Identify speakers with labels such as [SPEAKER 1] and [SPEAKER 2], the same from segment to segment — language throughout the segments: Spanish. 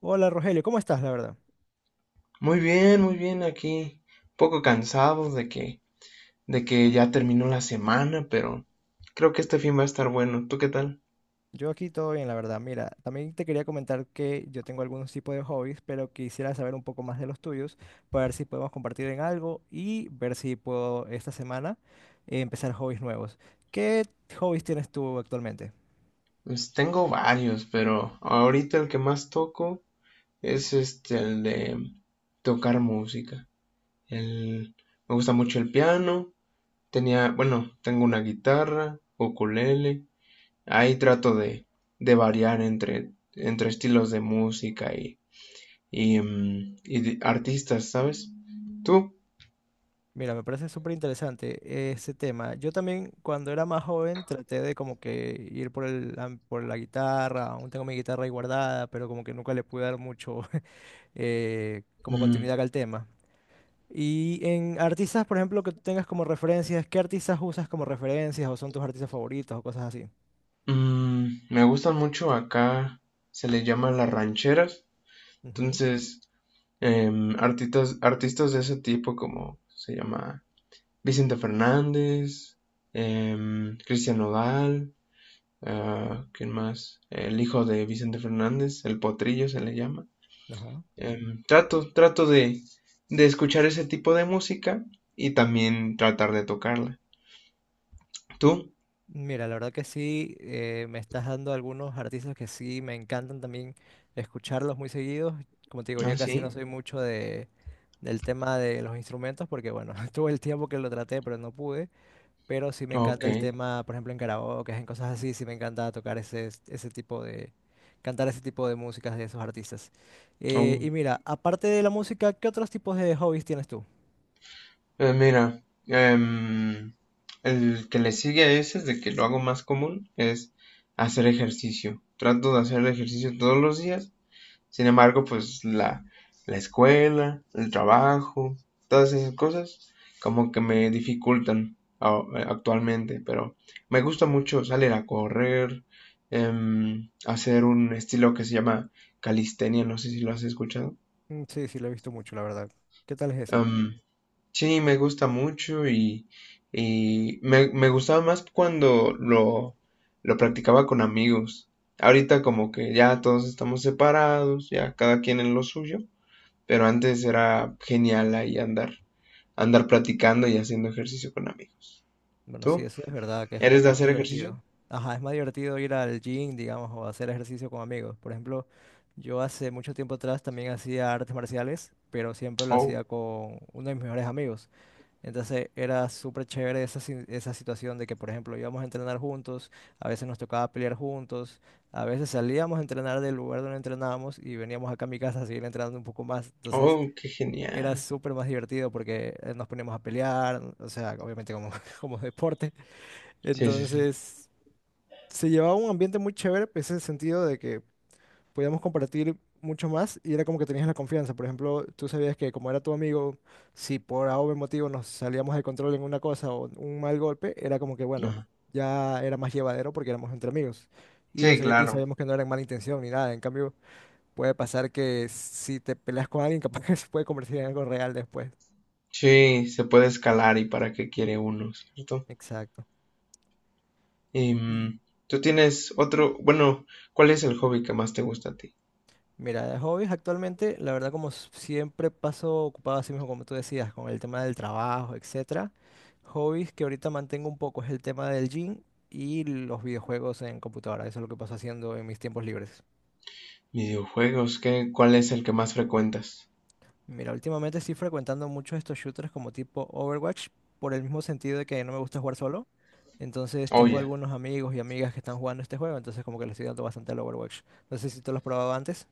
[SPEAKER 1] Hola Rogelio, ¿cómo estás, la verdad?
[SPEAKER 2] Muy bien aquí. Un poco cansado de que ya terminó la semana, pero creo que este fin va a estar bueno. ¿Tú qué tal?
[SPEAKER 1] Yo aquí todo bien, la verdad. Mira, también te quería comentar que yo tengo algunos tipos de hobbies, pero quisiera saber un poco más de los tuyos para ver si podemos compartir en algo y ver si puedo esta semana empezar hobbies nuevos. ¿Qué hobbies tienes tú actualmente?
[SPEAKER 2] Pues tengo varios, pero ahorita el que más toco es este, el de tocar música. El, me gusta mucho el piano. Tenía, bueno, tengo una guitarra, ukulele. Ahí de variar entre estilos de música y y de artistas, ¿sabes? ¿Tú?
[SPEAKER 1] Mira, me parece súper interesante ese tema. Yo también cuando era más joven traté de como que ir por la guitarra, aún tengo mi guitarra ahí guardada, pero como que nunca le pude dar mucho como
[SPEAKER 2] Mm,
[SPEAKER 1] continuidad al tema. Y en artistas, por ejemplo, que tú tengas como referencias, ¿qué artistas usas como referencias o son tus artistas favoritos o cosas así?
[SPEAKER 2] Me gustan mucho acá, se les llama las rancheras.
[SPEAKER 1] Ujú.
[SPEAKER 2] Entonces, artistas de ese tipo como se llama Vicente Fernández, Cristian Nodal, ah, ¿quién más? El hijo de Vicente Fernández, el potrillo se le llama.
[SPEAKER 1] Ajá.
[SPEAKER 2] Trato de escuchar ese tipo de música y también tratar de tocarla. ¿Tú?
[SPEAKER 1] Mira, la verdad que sí, me estás dando algunos artistas que sí me encantan también escucharlos muy seguidos. Como te digo, yo
[SPEAKER 2] Ah,
[SPEAKER 1] casi no soy
[SPEAKER 2] sí.
[SPEAKER 1] mucho del tema de los instrumentos porque, bueno, tuve el tiempo que lo traté, pero no pude. Pero sí me encanta
[SPEAKER 2] Ok.
[SPEAKER 1] el tema, por ejemplo, en karaoke, en cosas así, sí me encanta tocar ese, ese tipo de, cantar ese tipo de músicas de esos artistas. Eh,
[SPEAKER 2] Oh.
[SPEAKER 1] y mira, aparte de la música, ¿qué otros tipos de hobbies tienes tú?
[SPEAKER 2] Mira, em, el que le sigue a ese es de que lo hago más común, es hacer ejercicio. Trato de hacer ejercicio todos los días. Sin embargo, la escuela, el trabajo, todas esas cosas como que me actualmente, pero me gusta mucho salir a correr, hacer un estilo que se llama calistenia, no sé si lo has escuchado.
[SPEAKER 1] Mm, sí, sí, lo he visto mucho, la verdad. ¿Qué tal es ese?
[SPEAKER 2] Em, Sí, me gusta mucho y me gustaba más lo practicaba con amigos. Ahorita como que ya todos estamos separados, ya cada quien en lo suyo, pero antes era genial andar practicando y haciendo ejercicio con amigos.
[SPEAKER 1] Bueno, sí,
[SPEAKER 2] ¿Tú?
[SPEAKER 1] eso es verdad, que es como
[SPEAKER 2] ¿Eres
[SPEAKER 1] que
[SPEAKER 2] de
[SPEAKER 1] más
[SPEAKER 2] hacer ejercicio?
[SPEAKER 1] divertido. Ajá, es más divertido ir al gym, digamos, o hacer ejercicio con amigos. Por ejemplo, yo hace mucho tiempo atrás también hacía artes marciales, pero siempre lo
[SPEAKER 2] Oh,
[SPEAKER 1] hacía con uno de mis mejores amigos. Entonces era súper chévere esa, si- esa situación de que, por ejemplo, íbamos a entrenar juntos, a veces nos tocaba pelear juntos, a veces salíamos a entrenar del lugar donde entrenábamos y veníamos acá a mi casa a seguir entrenando un poco más. Entonces
[SPEAKER 2] oh, qué
[SPEAKER 1] era
[SPEAKER 2] genial.
[SPEAKER 1] súper más divertido porque nos poníamos a pelear, o sea, obviamente como, como deporte.
[SPEAKER 2] Sí, sí, sí.
[SPEAKER 1] Entonces se llevaba un ambiente muy chévere, pues, en el sentido de que podíamos compartir mucho más y era como que tenías la confianza. Por ejemplo, tú sabías que como era tu amigo, si por A o B motivo nos salíamos de control en una cosa o un mal golpe, era como que bueno,
[SPEAKER 2] Ajá.
[SPEAKER 1] ya era más llevadero porque éramos entre amigos. Y, lo,
[SPEAKER 2] Sí,
[SPEAKER 1] sa- y
[SPEAKER 2] claro.
[SPEAKER 1] sabíamos que no era en mala intención ni nada. En cambio, puede pasar que si te peleas con alguien, capaz que se puede convertir en algo real después.
[SPEAKER 2] Sí, se puede escalar y para qué quiere uno, ¿cierto?
[SPEAKER 1] Exacto. Y
[SPEAKER 2] Em, ¿Tú tienes otro? Bueno, ¿cuál es el hobby que más te gusta a ti?
[SPEAKER 1] mira, de hobbies actualmente, la verdad como siempre paso ocupado así mismo como tú decías, con el tema del trabajo, etcétera. Hobbies que ahorita mantengo un poco es el tema del gym y los videojuegos en computadora. Eso es lo que paso haciendo en mis tiempos libres.
[SPEAKER 2] Videojuegos, ¿qué? ¿Cuál es el que más frecuentas?
[SPEAKER 1] Mira, últimamente estoy frecuentando mucho estos shooters como tipo Overwatch, por el mismo sentido de que no me gusta jugar solo. Entonces tengo
[SPEAKER 2] Oye,
[SPEAKER 1] algunos amigos y amigas que están jugando este juego, entonces como que le estoy dando bastante al Overwatch. No sé si tú lo has probado antes.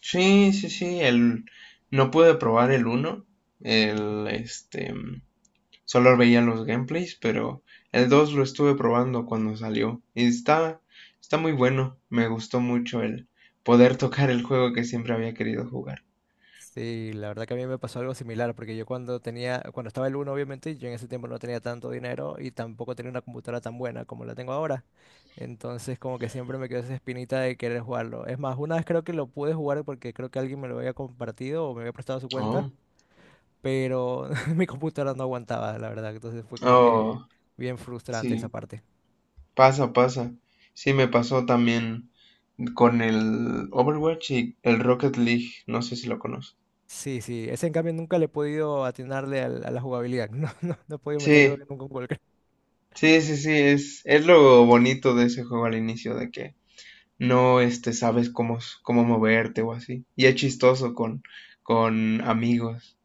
[SPEAKER 2] sí, sí, sí, el no pude probar el uno, el este mm, solo veía los gameplays, pero el 2 lo estuve probando cuando salió y está muy bueno, me gustó mucho el poder tocar el juego que siempre había querido jugar.
[SPEAKER 1] Sí, la verdad que a mí me pasó algo similar, porque yo cuando tenía, cuando estaba el uno, obviamente, yo en ese tiempo no tenía tanto dinero y tampoco tenía una computadora tan buena como la tengo ahora. Entonces, como que siempre me quedó esa espinita de querer jugarlo. Es más, una vez creo que lo pude jugar porque creo que alguien me lo había compartido o me había prestado su cuenta,
[SPEAKER 2] Oh,
[SPEAKER 1] pero mi computadora no aguantaba, la verdad. Entonces fue como que
[SPEAKER 2] oh,
[SPEAKER 1] bien frustrante esa
[SPEAKER 2] sí,
[SPEAKER 1] parte.
[SPEAKER 2] pasa, pasa. Sí, me pasó también con el Overwatch y el Rocket League. No sé si lo conoces.
[SPEAKER 1] Sí, sí, ese en cambio nunca le he podido atinarle a la jugabilidad. No, no, no he podido meter creo que
[SPEAKER 2] Sí,
[SPEAKER 1] nunca un gol.
[SPEAKER 2] sí, sí, sí. Es lo bonito de ese juego al inicio, de que no este, sabes cómo, cómo moverte o así. Y es chistoso con amigos.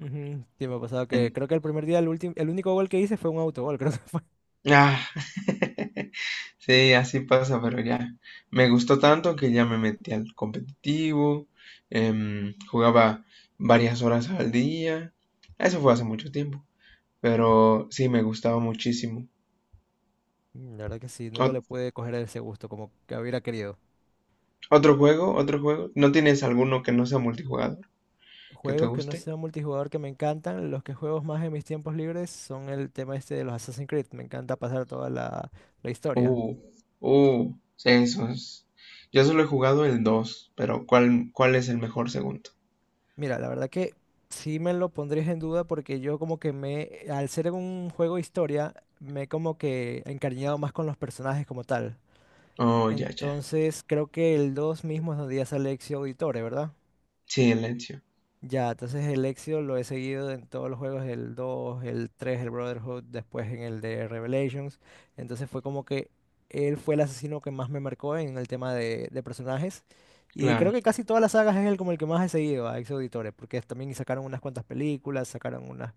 [SPEAKER 1] Ujú. Sí, me ha pasado que
[SPEAKER 2] En-
[SPEAKER 1] creo que el primer día, el último, el único gol que hice fue un autogol, creo que fue.
[SPEAKER 2] Ah. Sí, así pasa, pero ya me gustó tanto que ya me metí al competitivo, jugaba varias horas al día, eso fue hace mucho tiempo, pero sí me gustaba muchísimo.
[SPEAKER 1] La verdad que sí, nunca le
[SPEAKER 2] Ot-
[SPEAKER 1] pude coger ese gusto como que hubiera querido.
[SPEAKER 2] otro juego, ¿no tienes alguno que no sea multijugador que te
[SPEAKER 1] Juegos que no
[SPEAKER 2] guste?
[SPEAKER 1] sean multijugador que me encantan, los que juego más en mis tiempos libres son el tema este de los Assassin's Creed. Me encanta pasar toda la historia.
[SPEAKER 2] Uh, sí, eso es. Yo solo he jugado el 2, pero ¿cuál es el mejor segundo?
[SPEAKER 1] Mira, la verdad que sí me lo pondrías en duda porque yo como que me, al ser un juego historia, me he como que encariñado más con los personajes como tal.
[SPEAKER 2] Oh, ya, ya.
[SPEAKER 1] Entonces creo que el 2 mismo es donde ya sale Ezio Auditore, ¿verdad?
[SPEAKER 2] Silencio,
[SPEAKER 1] Ya, entonces el Exio lo he seguido en todos los juegos, el 2, el 3, el Brotherhood, después en el de Revelations. Entonces fue como que él fue el asesino que más me marcó en el tema de personajes. Y creo
[SPEAKER 2] claro,
[SPEAKER 1] que casi todas las sagas es el como el que más he seguido a Exio Auditore, porque también sacaron unas cuantas películas, sacaron una,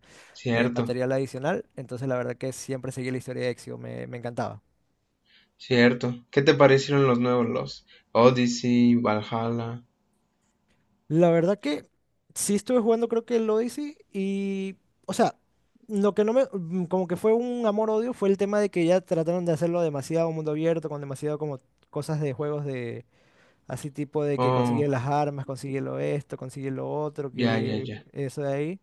[SPEAKER 2] cierto.
[SPEAKER 1] material adicional. Entonces la verdad que siempre seguí la historia de Exio, me encantaba.
[SPEAKER 2] Cierto. ¿Qué te parecieron los nuevos, los Odyssey, Valhalla?
[SPEAKER 1] La verdad que sí estuve jugando creo que el Odyssey y, o sea, lo que no me, como que fue un amor-odio fue el tema de que ya trataron de hacerlo demasiado mundo abierto, con demasiado como cosas de juegos de, así tipo de que
[SPEAKER 2] Oh,
[SPEAKER 1] consigue las armas, consigue lo esto, consigue lo otro,
[SPEAKER 2] ya, ya,
[SPEAKER 1] que
[SPEAKER 2] ya.
[SPEAKER 1] eso de ahí,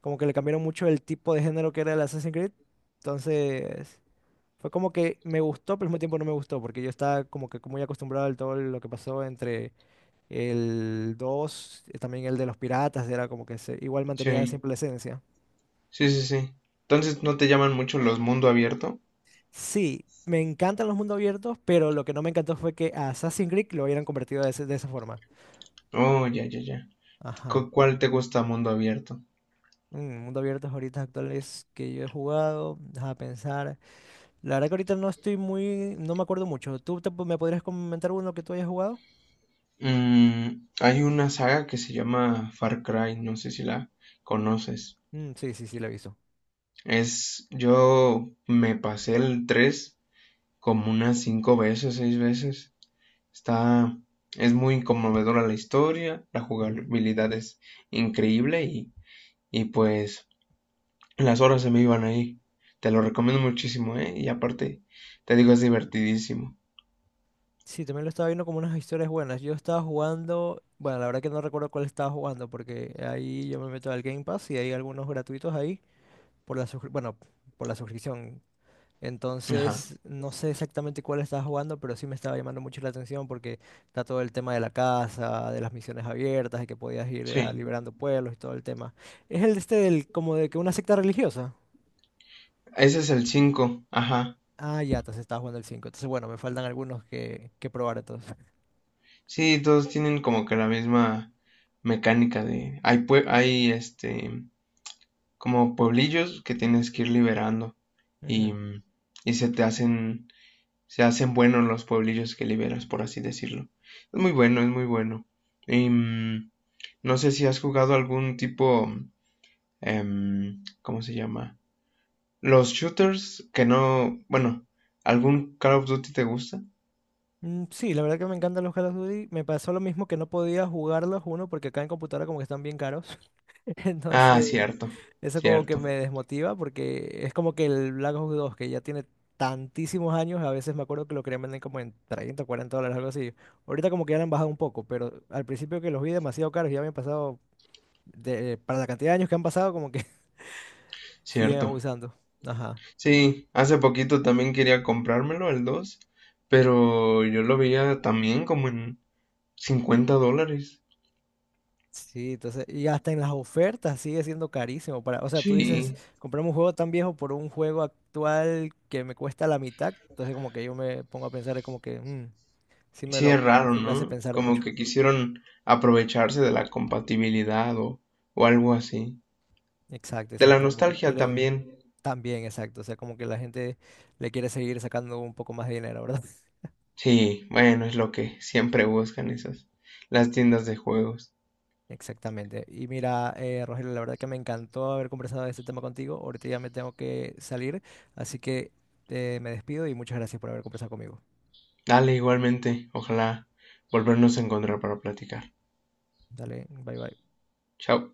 [SPEAKER 1] como que le cambiaron mucho el tipo de género que era el Assassin's Creed, entonces fue como que me gustó, pero al mismo tiempo no me gustó, porque yo estaba como que muy acostumbrado al todo lo que pasó entre el 2 también el de los piratas, era como que se, igual mantenía
[SPEAKER 2] Sí,
[SPEAKER 1] simple esencia.
[SPEAKER 2] sí, sí, sí. Entonces, ¿no te llaman mucho los mundo abierto?
[SPEAKER 1] Sí, me encantan los mundos abiertos, pero lo que no me encantó fue que a Assassin's Creed lo hubieran convertido de esa forma.
[SPEAKER 2] Oh, ya, ya, ya.
[SPEAKER 1] Ajá.
[SPEAKER 2] ¿Cuál te gusta mundo abierto?
[SPEAKER 1] Mundo abiertos ahorita actuales que yo he jugado, deja pensar. La verdad que ahorita no estoy muy, no me acuerdo mucho. ¿Tú me podrías comentar uno que tú hayas jugado?
[SPEAKER 2] Mm, hay una saga que se llama Far Cry, no sé si la conoces.
[SPEAKER 1] Mm, sí, sí, sí, lo he visto.
[SPEAKER 2] Yo me pasé el 3 como unas 5 veces, 6 veces. Está, es muy conmovedora la historia, la jugabilidad es increíble y pues las horas se me iban ahí. Te lo recomiendo muchísimo, ¿eh? Y aparte, te digo, es divertidísimo.
[SPEAKER 1] Sí, también lo estaba viendo como unas historias buenas. Yo estaba jugando, bueno, la verdad que no recuerdo cuál estaba jugando porque ahí yo me meto al Game Pass y hay algunos gratuitos ahí por la bueno, por la suscripción.
[SPEAKER 2] Ajá.
[SPEAKER 1] Entonces, no sé exactamente cuál estaba jugando, pero sí me estaba llamando mucho la atención porque está todo el tema de la casa, de las misiones abiertas, y que podías ir
[SPEAKER 2] Sí.
[SPEAKER 1] liberando pueblos y todo el tema. Es el este del como de que una secta religiosa.
[SPEAKER 2] Ese es el cinco. Ajá.
[SPEAKER 1] Ah, ya, entonces estaba jugando el 5. Entonces, bueno, me faltan algunos que probar entonces.
[SPEAKER 2] Sí, todos tienen como que la misma mecánica de... hay este, como pueblillos que tienes que ir liberando y,
[SPEAKER 1] Ujú.
[SPEAKER 2] y se te hacen se hacen buenos los pueblillos que liberas, por así decirlo. Es muy bueno, es muy bueno. Em, no sé si has jugado algún tipo, ¿cómo se llama? Los shooters que no, bueno, ¿algún Call of Duty te gusta?
[SPEAKER 1] Mm, sí, la verdad que me encantan los Call of Duty. Me pasó lo mismo que no podía jugarlos uno porque acá en computadora como que están bien caros.
[SPEAKER 2] Ah,
[SPEAKER 1] Entonces,
[SPEAKER 2] cierto,
[SPEAKER 1] eso como que
[SPEAKER 2] cierto,
[SPEAKER 1] me desmotiva porque es como que el Black Ops 2 que ya tiene tantísimos años, a veces me acuerdo que lo querían vender como en 30 o dólares, algo así. Ahorita como que ya lo han bajado un poco, pero al principio que los vi demasiado caros, ya me han pasado, de, para la cantidad de años que han pasado, como que siguen
[SPEAKER 2] cierto.
[SPEAKER 1] abusando. Ajá.
[SPEAKER 2] Sí, hace poquito también quería comprármelo, el dos, pero yo lo veía también como en $50.
[SPEAKER 1] Sí, entonces, y hasta en las ofertas sigue siendo carísimo para, o sea, tú dices,
[SPEAKER 2] Sí,
[SPEAKER 1] comprarme un juego tan viejo por un juego actual que me cuesta la mitad, entonces como que yo me pongo a pensar, es como que, sí me
[SPEAKER 2] sí, es
[SPEAKER 1] lo,
[SPEAKER 2] raro,
[SPEAKER 1] sí me hace
[SPEAKER 2] ¿no?
[SPEAKER 1] pensar
[SPEAKER 2] Como
[SPEAKER 1] mucho.
[SPEAKER 2] que quisieron aprovecharse de la compatibilidad o algo así.
[SPEAKER 1] Exacto,
[SPEAKER 2] De la
[SPEAKER 1] exacto, como que
[SPEAKER 2] nostalgia
[SPEAKER 1] quieren
[SPEAKER 2] también.
[SPEAKER 1] también, exacto, o sea, como que la gente le quiere seguir sacando un poco más de dinero, ¿verdad?
[SPEAKER 2] Sí, bueno, es lo que siempre buscan esas, las tiendas de juegos.
[SPEAKER 1] Exactamente. Y mira, Rogelio, la verdad que me encantó haber conversado de este tema contigo, ahorita ya me tengo que salir, así que me despido y muchas gracias por haber conversado conmigo.
[SPEAKER 2] Dale, igualmente, ojalá volvernos a encontrar para platicar.
[SPEAKER 1] Dale, bye bye.
[SPEAKER 2] Chao.